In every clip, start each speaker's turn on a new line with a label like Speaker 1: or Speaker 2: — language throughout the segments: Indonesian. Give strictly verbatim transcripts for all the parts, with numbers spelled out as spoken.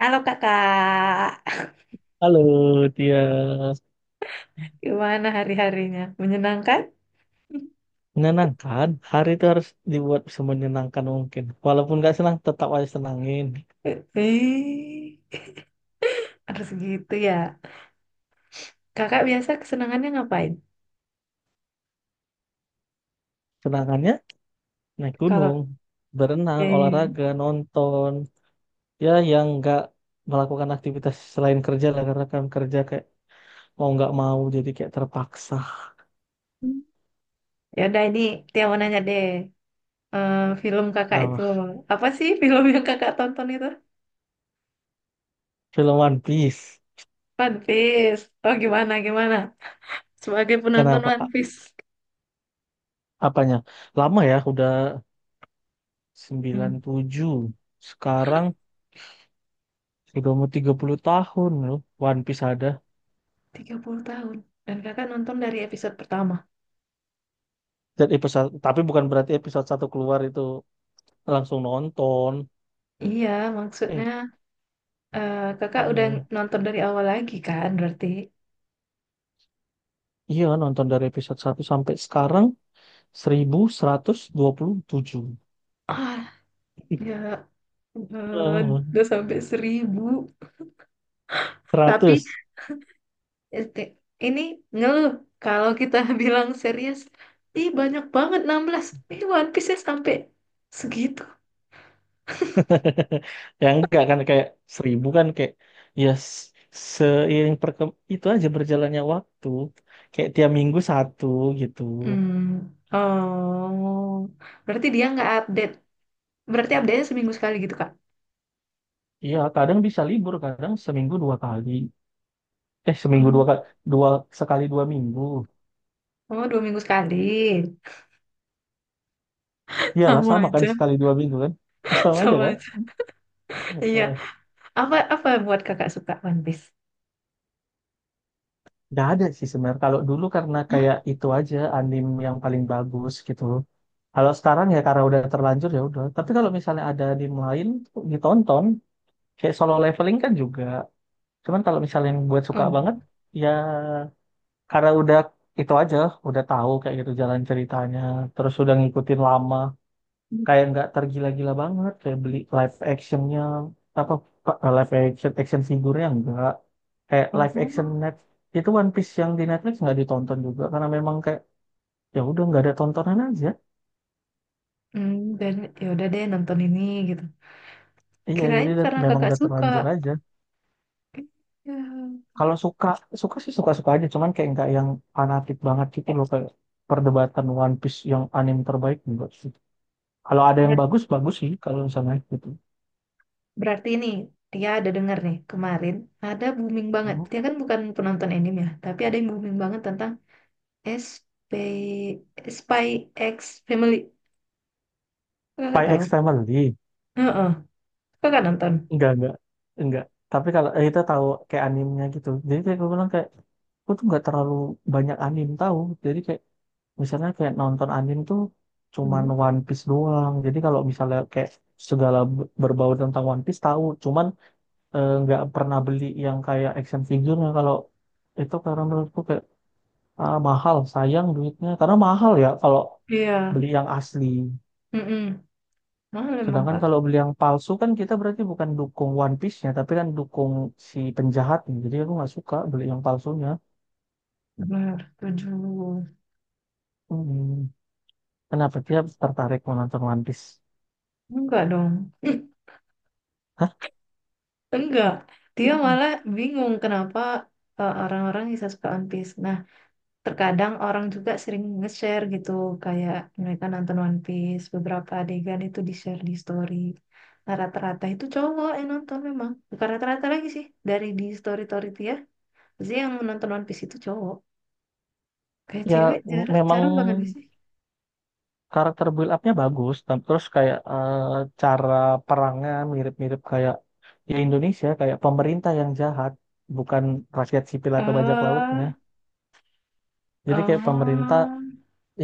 Speaker 1: Halo kakak,
Speaker 2: Halo, dia
Speaker 1: gimana hari-harinya? Menyenangkan?
Speaker 2: menyenangkan. Hari itu harus dibuat semenyenangkan mungkin. Walaupun nggak senang, tetap aja senangin.
Speaker 1: Eh, Harus gitu ya. Kakak biasa kesenangannya ngapain?
Speaker 2: Senangannya naik
Speaker 1: Kalau
Speaker 2: gunung, berenang,
Speaker 1: eh,
Speaker 2: olahraga, nonton. Ya, yang nggak melakukan aktivitas selain kerja lah, karena kan kerja kayak mau nggak mau jadi kayak terpaksa.
Speaker 1: ya udah ini Tia mau nanya deh. Eh, Film kakak itu
Speaker 2: Nah,
Speaker 1: apa sih film yang kakak tonton itu?
Speaker 2: film One Piece.
Speaker 1: One Piece. Oh gimana gimana? Sebagai penonton
Speaker 2: Kenapa?
Speaker 1: One
Speaker 2: A-
Speaker 1: Piece.
Speaker 2: Apanya? Lama ya, udah sembilan
Speaker 1: Hmm,
Speaker 2: puluh tujuh Sekarang sudah mau tiga puluh tahun loh, One Piece ada.
Speaker 1: tiga puluh tahun. Dan kakak nonton dari episode pertama.
Speaker 2: Dan episode, tapi bukan berarti episode satu keluar itu langsung nonton.
Speaker 1: Iya,
Speaker 2: Eh,
Speaker 1: maksudnya eh, kakak udah
Speaker 2: iya.
Speaker 1: nonton dari awal lagi kan berarti.
Speaker 2: Iya, nonton dari episode satu sampai sekarang seribu seratus dua puluh tujuh.
Speaker 1: Ah, ya ampun,
Speaker 2: Eh,
Speaker 1: udah sampai seribu. Tapi
Speaker 2: seratus.
Speaker 1: este, ini ngeluh kalau kita bilang serius, ih banyak banget enam belas ini One Piece-nya sampai segitu.
Speaker 2: Ya enggak, kan kayak seribu kan kayak ya s- seiring perkem itu aja berjalannya waktu. Kayak tiap minggu satu gitu.
Speaker 1: Hmm, oh, berarti dia nggak update. Berarti update-nya seminggu sekali gitu, Kak?
Speaker 2: Iya, kadang bisa libur, kadang seminggu dua kali. Eh, seminggu
Speaker 1: Hmm.
Speaker 2: dua kali, dua, sekali dua minggu.
Speaker 1: Oh, dua minggu sekali.
Speaker 2: Iyalah
Speaker 1: Sama
Speaker 2: sama kan,
Speaker 1: aja,
Speaker 2: sekali dua minggu kan. Sama aja
Speaker 1: sama
Speaker 2: kan.
Speaker 1: aja. Iya.
Speaker 2: Eh,
Speaker 1: Apa apa yang buat kakak suka One Piece?
Speaker 2: Nggak ada sih sebenarnya. Kalau dulu karena
Speaker 1: Hah?
Speaker 2: kayak itu aja anime yang paling bagus gitu. Kalau sekarang ya karena udah terlanjur ya udah. Tapi kalau misalnya ada anime lain tuh ditonton. Kayak solo leveling kan juga. Cuman kalau misalnya yang buat suka
Speaker 1: Oh.
Speaker 2: banget, ya karena udah itu aja, udah tahu kayak gitu jalan ceritanya, terus udah ngikutin lama, kayak nggak tergila-gila banget kayak beli live actionnya apa, pa- live action, action figurnya enggak, kayak live action
Speaker 1: Oh,
Speaker 2: net itu, One Piece yang di Netflix nggak ditonton juga karena memang kayak ya udah nggak ada tontonan aja.
Speaker 1: hmm, dan ya udah deh nonton ini gitu.
Speaker 2: Iya, jadi
Speaker 1: Kirain
Speaker 2: udah-
Speaker 1: karena
Speaker 2: memang
Speaker 1: kakak
Speaker 2: udah
Speaker 1: suka.
Speaker 2: terlanjur aja.
Speaker 1: Ya.
Speaker 2: Kalau suka, suka sih, suka suka aja, cuman kayak nggak yang fanatik banget gitu loh, kayak perdebatan One Piece yang anime terbaik enggak sih, kalau ada yang
Speaker 1: Ber-
Speaker 2: bagus bagus sih kalau misalnya gitu.
Speaker 1: Berarti ini dia ada dengar nih kemarin ada booming banget.
Speaker 2: Mhm.
Speaker 1: Dia kan bukan penonton anime ya, tapi ada yang booming banget tentang SP Spy X Family. Kakak
Speaker 2: Spy
Speaker 1: tahu?
Speaker 2: X Family.
Speaker 1: Heeh. Kakak nonton?
Speaker 2: Enggak, enggak, enggak. Tapi kalau eh, kita tahu kayak animenya gitu. Jadi kayak gue bilang, kayak gue tuh nggak terlalu banyak anim tahu. Jadi kayak misalnya kayak nonton anim tuh cuman
Speaker 1: Hmm.
Speaker 2: One Piece doang. Jadi kalau misalnya kayak segala b- berbau tentang One Piece tahu, cuman eh, nggak pernah beli yang kayak action figure kalau itu karena menurutku kayak ah, mahal, sayang duitnya. Karena mahal ya kalau
Speaker 1: Iya.
Speaker 2: beli yang asli.
Speaker 1: Mm-mm. Mahal emang
Speaker 2: Sedangkan
Speaker 1: kak.
Speaker 2: kalau beli yang palsu kan kita berarti bukan dukung One Piece-nya, tapi kan dukung si penjahatnya. Jadi aku nggak suka beli yang palsunya.
Speaker 1: Benar. Tujuh.
Speaker 2: Hmm. Kenapa dia tertarik menonton One Piece?
Speaker 1: Enggak dong.
Speaker 2: Hah?
Speaker 1: Enggak. Dia
Speaker 2: Hmm.
Speaker 1: malah bingung kenapa uh, orang-orang bisa suka One Piece. Nah, terkadang orang juga sering nge-share gitu kayak mereka nonton One Piece beberapa adegan itu di-share di story, nah, rata-rata itu cowok yang nonton memang bukan rata-rata lagi sih dari di story-story itu ya pasti yang menonton One Piece itu cowok kayak
Speaker 2: Ya
Speaker 1: cewek
Speaker 2: m-
Speaker 1: jarang,
Speaker 2: memang
Speaker 1: jarang banget nggak sih.
Speaker 2: karakter build up-nya bagus, dan terus kayak eh, cara perangnya mirip-mirip kayak ya Indonesia, kayak pemerintah yang jahat, bukan rakyat sipil atau bajak lautnya.
Speaker 1: eh
Speaker 2: Jadi kayak pemerintah,
Speaker 1: oh,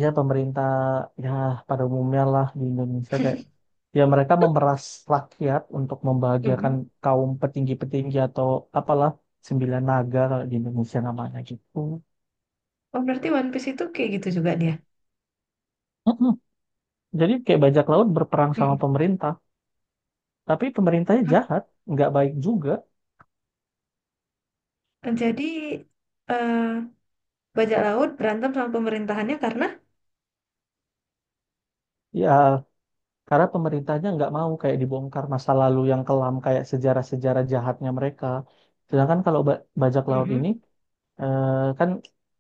Speaker 2: ya pemerintah ya, pada umumnya lah di Indonesia kayak ya mereka memeras rakyat untuk membahagiakan
Speaker 1: mm-mm.
Speaker 2: kaum petinggi-petinggi atau apalah, sembilan naga kalau di Indonesia namanya gitu.
Speaker 1: Oh, berarti One Piece itu kayak gitu juga dia.
Speaker 2: Mm-mm. Jadi kayak bajak laut berperang sama
Speaker 1: Mm-mm.
Speaker 2: pemerintah, tapi pemerintahnya
Speaker 1: Hah?
Speaker 2: jahat, nggak baik juga.
Speaker 1: jadi eh bajak laut berantem sama pemerintahannya karena
Speaker 2: Ya karena pemerintahnya nggak mau kayak dibongkar masa lalu yang kelam kayak sejarah-sejarah jahatnya mereka. Sedangkan kalau ba- bajak laut ini,
Speaker 1: mm-mm.
Speaker 2: Eh, kan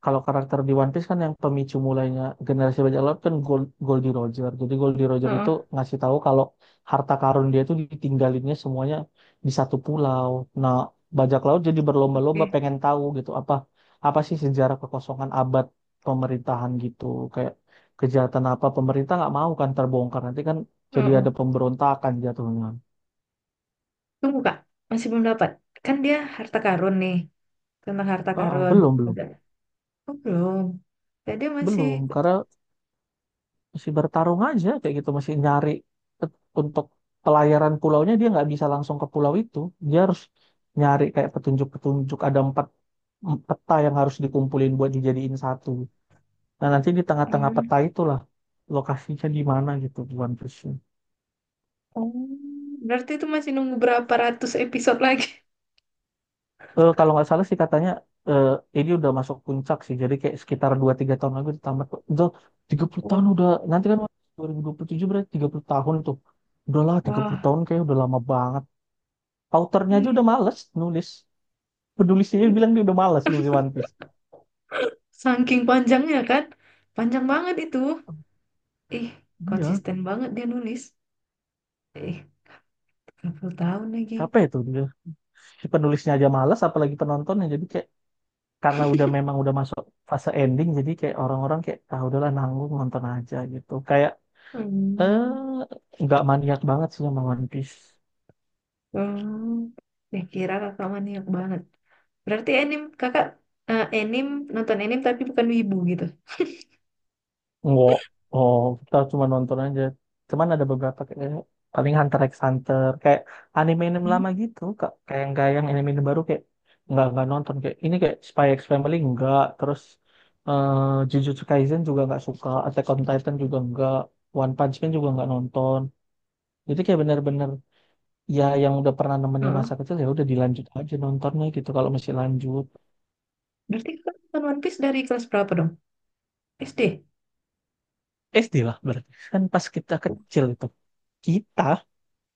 Speaker 2: kalau karakter di One Piece kan yang pemicu mulainya generasi bajak laut kan Gold, Goldie Roger. Jadi Goldie
Speaker 1: Oh,
Speaker 2: Roger itu
Speaker 1: oh,
Speaker 2: ngasih tahu kalau harta karun dia itu ditinggalinnya semuanya di satu pulau. Nah, bajak laut jadi berlomba-lomba pengen tahu gitu, apa apa sih sejarah kekosongan abad pemerintahan gitu. Kayak kejahatan apa, pemerintah nggak mau kan terbongkar. Nanti kan jadi
Speaker 1: oke.
Speaker 2: ada pemberontakan jatuhnya.
Speaker 1: Tunggu Kak, masih belum dapat. Kan dia harta karun nih, tentang harta
Speaker 2: Ah, ah,
Speaker 1: karun.
Speaker 2: belum belum
Speaker 1: Udah. Oh, belum. Jadi masih
Speaker 2: belum karena masih bertarung aja kayak gitu, masih nyari ke- untuk pelayaran pulaunya, dia nggak bisa langsung ke pulau itu, dia harus nyari kayak petunjuk-petunjuk, ada empat em- peta yang harus dikumpulin buat dijadiin satu, nah nanti di tengah-tengah peta
Speaker 1: hmm,
Speaker 2: itulah lokasinya di mana gitu di One Piece.
Speaker 1: oh, berarti itu masih nunggu berapa ratus episode lagi.
Speaker 2: Eh, kalau nggak salah sih katanya eh, ini udah masuk puncak sih, jadi kayak sekitar dua tiga tahun lagi udah tamat kok. Udah tiga puluh tahun
Speaker 1: Wah,
Speaker 2: udah nanti kan dua ribu dua puluh tujuh, berarti tiga puluh tahun tuh, udahlah tiga puluh
Speaker 1: wah.
Speaker 2: tahun kayak udah lama banget. Autornya aja
Speaker 1: Iya,
Speaker 2: udah males nulis. Penulisnya
Speaker 1: iya.
Speaker 2: bilang dia udah males nulis One Piece.
Speaker 1: Saking panjangnya kan. Panjang banget itu. Ih,
Speaker 2: Iya,
Speaker 1: konsisten banget dia nulis. Ih, tiga puluh tahun lagi.
Speaker 2: capek itu. Si penulisnya aja males, apalagi penontonnya. Jadi kayak karena udah, memang udah masuk fase ending, jadi kayak orang-orang kayak ah udahlah nanggung nonton aja gitu. Kayak eh
Speaker 1: Hmm.
Speaker 2: nggak maniak banget sih sama One Piece.
Speaker 1: Hmm. Ya kira kakak maniak banget. Berarti anim kakak eh, anim nonton anim tapi bukan wibu gitu.
Speaker 2: Enggak. Oh, kita cuma nonton aja. Cuman ada beberapa kayak paling Hunter x Hunter, kayak anime-anime
Speaker 1: Hmm.
Speaker 2: lama gitu, Kak. Kayak yang kayak yang anime-anime baru kayak nggak nggak nonton, kayak ini kayak Spy x Family enggak, terus eh, Jujutsu Kaisen juga nggak suka, Attack on Titan juga enggak, One Punch Man juga nggak nonton. Jadi kayak bener-bener ya yang udah pernah nemenin masa
Speaker 1: Heeh.
Speaker 2: kecil ya udah dilanjut aja nontonnya gitu kalau masih lanjut.
Speaker 1: Berarti kakak nonton One Piece dari kelas berapa dong? S D?
Speaker 2: S D lah, berarti kan pas kita kecil itu kita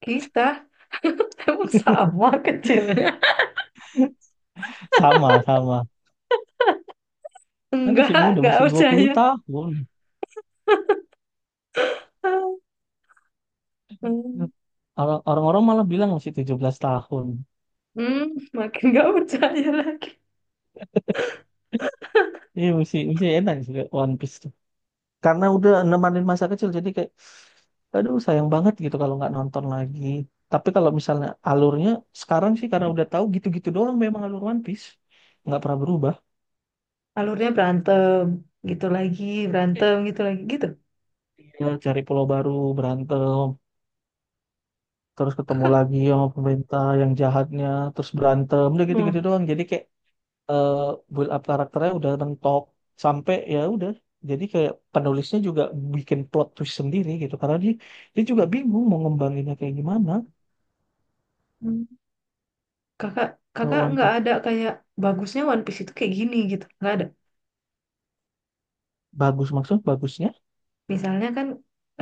Speaker 1: Kita emang sama kecilnya.
Speaker 2: sama sama. Kan masih
Speaker 1: Enggak,
Speaker 2: muda,
Speaker 1: enggak
Speaker 2: masih dua puluh
Speaker 1: percaya.
Speaker 2: tahun.
Speaker 1: Hmm,
Speaker 2: Orang- Orang-orang malah bilang masih tujuh belas tahun.
Speaker 1: hmm, makin enggak percaya lagi.
Speaker 2: Iya, masih, masih enak sih One Piece tuh. Karena udah nemanin masa kecil, jadi kayak, aduh sayang banget gitu kalau nggak nonton lagi. Tapi kalau misalnya alurnya sekarang sih, karena udah tahu gitu-gitu doang memang alur One Piece. Nggak pernah berubah.
Speaker 1: Alurnya berantem, gitu lagi, berantem, gitu lagi, gitu.
Speaker 2: Ya, cari pulau baru, berantem, terus ketemu
Speaker 1: Kakak,
Speaker 2: lagi sama pemerintah yang jahatnya, terus berantem, udah gitu-gitu
Speaker 1: hmm,
Speaker 2: doang. Jadi kayak eh build up karakternya udah mentok sampai ya udah, jadi kayak penulisnya juga bikin plot twist sendiri gitu karena dia, dia juga bingung mau ngembanginnya kayak gimana.
Speaker 1: hmm, kakak,
Speaker 2: Kalau
Speaker 1: kakak
Speaker 2: One
Speaker 1: enggak
Speaker 2: Piece
Speaker 1: ada kayak bagusnya One Piece itu kayak gini gitu. Enggak ada.
Speaker 2: bagus, maksudnya bagusnya,
Speaker 1: Misalnya kan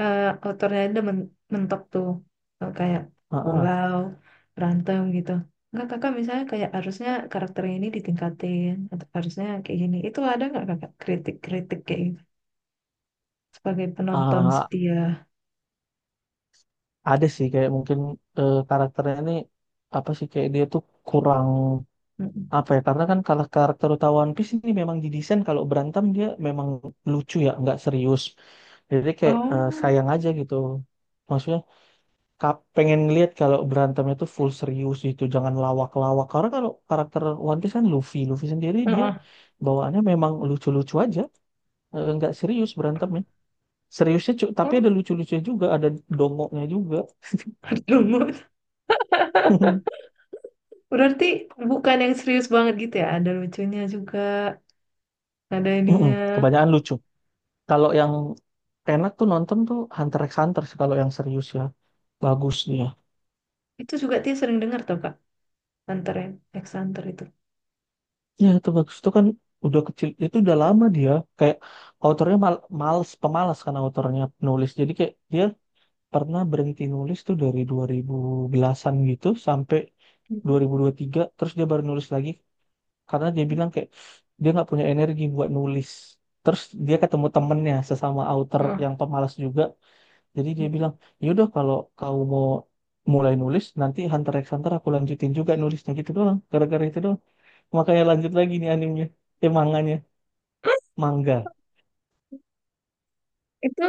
Speaker 1: eh autornya ada men- mentok tuh. Eh, kayak
Speaker 2: heeh.
Speaker 1: pulau, berantem gitu. Enggak kakak misalnya kayak harusnya karakter ini ditingkatin atau harusnya kayak gini. Itu ada nggak kakak kritik-kritik kayak gitu sebagai penonton
Speaker 2: Ah,
Speaker 1: setia?
Speaker 2: ada sih kayak mungkin eh, karakternya ini apa sih, kayak dia tuh kurang
Speaker 1: Mm-mm.
Speaker 2: apa ya, karena kan kalau karakter utama One Piece ini memang didesain kalau berantem dia memang lucu ya nggak serius, jadi kayak eh,
Speaker 1: Oh,
Speaker 2: sayang aja gitu, maksudnya Kap pengen lihat kalau berantemnya tuh full serius gitu, jangan lawak-lawak. Karena kalau karakter One Piece kan Luffy, Luffy sendiri dia
Speaker 1: heeh.
Speaker 2: bawaannya memang lucu-lucu aja. Eh, nggak serius berantemnya. Seriusnya cu- tapi ada
Speaker 1: Oh,
Speaker 2: lucu-lucunya juga, ada dongoknya juga.
Speaker 1: lumut. Berarti bukan yang serius banget gitu ya. Ada lucunya juga, ada
Speaker 2: Mm-mm,
Speaker 1: ininya.
Speaker 2: kebanyakan lucu. Kalau yang enak tuh nonton tuh Hunter x Hunter sih kalau yang serius ya. Bagus dia.
Speaker 1: Itu juga dia sering dengar tuh kak, Hunter x Hunter itu.
Speaker 2: Ya itu bagus itu kan udah kecil itu udah lama dia, kayak autornya mal males, pemalas kan autornya, penulis. Jadi kayak dia pernah berhenti nulis tuh dari dua ribu an gitu sampai dua
Speaker 1: Mhm.
Speaker 2: ribu dua ribu tiga terus dia baru nulis lagi karena dia bilang kayak dia nggak punya energi buat nulis, terus dia ketemu temennya sesama author yang pemalas juga, jadi dia bilang yaudah kalau kau mau mulai nulis nanti Hunter x Hunter aku lanjutin juga nulisnya, gitu doang, gara-gara itu doang makanya lanjut lagi nih animenya, eh manganya,
Speaker 1: Oh.
Speaker 2: manga.
Speaker 1: Itu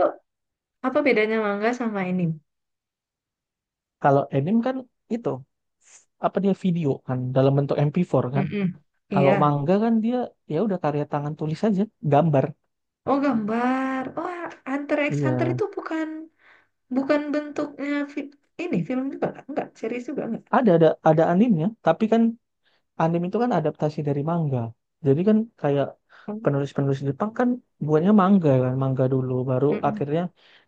Speaker 1: apa bedanya mangga sama ini?
Speaker 2: Kalau anime kan itu apa, dia video kan dalam bentuk M P empat kan.
Speaker 1: Mm-mm. Iya.
Speaker 2: Kalau manga kan dia ya udah karya tangan tulis aja, gambar.
Speaker 1: Oh, gambar. Oh, Hunter x Hunter
Speaker 2: Iya,
Speaker 1: itu bukan bukan bentuknya fi- ini film juga nggak? Enggak, series juga enggak.
Speaker 2: ada ada ada animnya, tapi kan anime itu kan adaptasi dari manga. Jadi kan kayak
Speaker 1: Oh,
Speaker 2: penulis-penulis Jepang kan buatnya manga kan, manga dulu baru
Speaker 1: mm-mm.
Speaker 2: akhirnya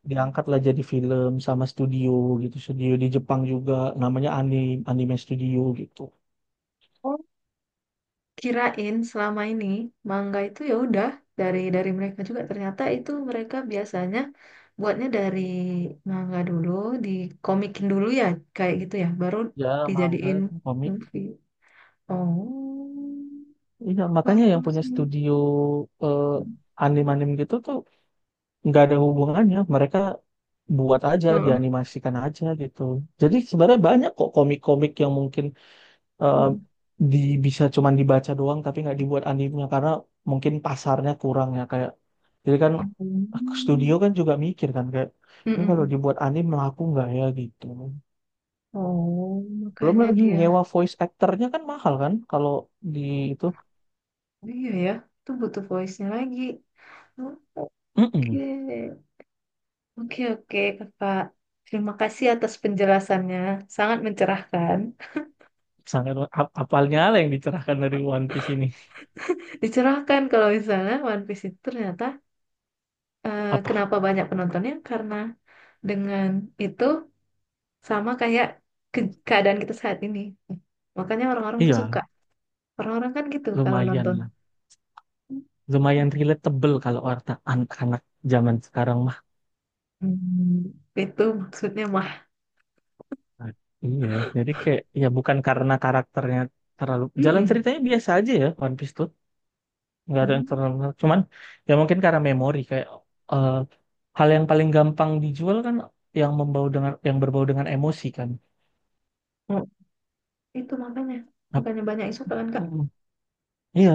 Speaker 2: diangkatlah jadi film sama studio gitu, studio di Jepang juga namanya anime anime studio gitu.
Speaker 1: Oh, kirain selama ini mangga itu ya udah dari dari mereka juga. Ternyata itu mereka biasanya buatnya dari mangga dulu, dikomikin dulu ya, kayak gitu ya, baru
Speaker 2: Ya,
Speaker 1: dijadiin
Speaker 2: manga, komik.
Speaker 1: movie. Oh,
Speaker 2: Iya,
Speaker 1: baru
Speaker 2: makanya yang
Speaker 1: tahu
Speaker 2: punya
Speaker 1: sih.
Speaker 2: studio eh, anime-anime gitu tuh nggak ada hubungannya, mereka buat aja,
Speaker 1: Heeh.
Speaker 2: dianimasikan aja gitu. Jadi sebenarnya banyak kok komik-komik yang mungkin eh, di bisa cuman dibaca doang tapi nggak dibuat anime karena mungkin pasarnya kurang ya kayak, jadi kan
Speaker 1: Hmm.
Speaker 2: studio kan juga mikir kan kayak ini kalau
Speaker 1: Mm-mm.
Speaker 2: dibuat anim laku nggak ya gitu,
Speaker 1: Oh,
Speaker 2: belum
Speaker 1: makanya
Speaker 2: lagi
Speaker 1: dia.
Speaker 2: nyewa voice actornya kan mahal kan kalau di itu.
Speaker 1: Oh, iya ya, itu butuh voice-nya lagi. Oh, oke,
Speaker 2: Mm-mm.
Speaker 1: oke, oke, Kakak. Terima kasih atas penjelasannya. Sangat mencerahkan.
Speaker 2: Sangat ap- apalnya lah yang dicerahkan dari One Piece ini
Speaker 1: Dicerahkan kalau misalnya One Piece itu ternyata eh,
Speaker 2: apa.
Speaker 1: kenapa banyak penontonnya? Karena dengan itu sama kayak ke- keadaan kita saat ini. Makanya orang-orang tuh
Speaker 2: Iya,
Speaker 1: suka. Orang-orang kan gitu kalau
Speaker 2: lumayan,
Speaker 1: nonton.
Speaker 2: lumayan relatable kalau warta anak-anak zaman sekarang mah.
Speaker 1: Hmm, itu maksudnya mah.
Speaker 2: Nah, iya, jadi kayak ya bukan karena karakternya, terlalu jalan
Speaker 1: Mm-mm.
Speaker 2: ceritanya biasa aja ya One Piece tuh, nggak ada yang
Speaker 1: Mm-hmm.
Speaker 2: terlalu menarik. Cuman ya mungkin karena memori kayak eh, hal yang paling gampang dijual kan yang membau dengan, yang berbau dengan emosi kan.
Speaker 1: Oh, itu makanya
Speaker 2: Ap-
Speaker 1: bukannya banyak isu kan Kak?
Speaker 2: mm, iya,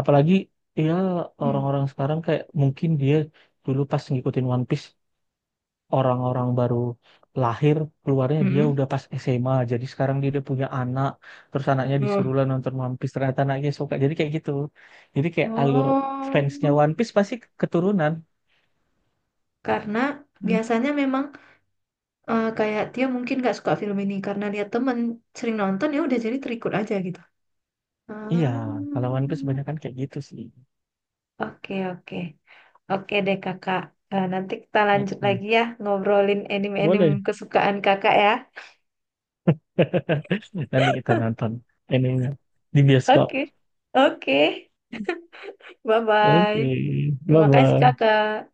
Speaker 2: apalagi ya
Speaker 1: Hmm.
Speaker 2: orang-orang sekarang kayak mungkin dia dulu pas ngikutin One Piece orang-orang baru lahir keluarnya, dia
Speaker 1: Mm-mm.
Speaker 2: udah pas S M A, jadi sekarang dia udah punya anak, terus anaknya
Speaker 1: Oh.
Speaker 2: disuruh lah nonton One Piece, ternyata anaknya suka, jadi kayak gitu. Jadi kayak alur fansnya
Speaker 1: Oh,
Speaker 2: One Piece pasti keturunan.
Speaker 1: karena
Speaker 2: Hmm,
Speaker 1: biasanya memang eh, kayak dia mungkin nggak suka film ini karena lihat temen sering nonton ya udah jadi terikut aja gitu.
Speaker 2: iya
Speaker 1: Ah,
Speaker 2: kalau One Piece banyak kan kayak gitu sih.
Speaker 1: oke oke oke deh kakak. Eh, nanti kita lanjut
Speaker 2: Mm-mm.
Speaker 1: lagi ya ngobrolin anime-anime
Speaker 2: Boleh.
Speaker 1: kesukaan kakak ya.
Speaker 2: Nanti kita nonton ininya di bioskop.
Speaker 1: Oke oke, bye bye.
Speaker 2: Oke, bye
Speaker 1: Terima kasih
Speaker 2: bye.
Speaker 1: kakak.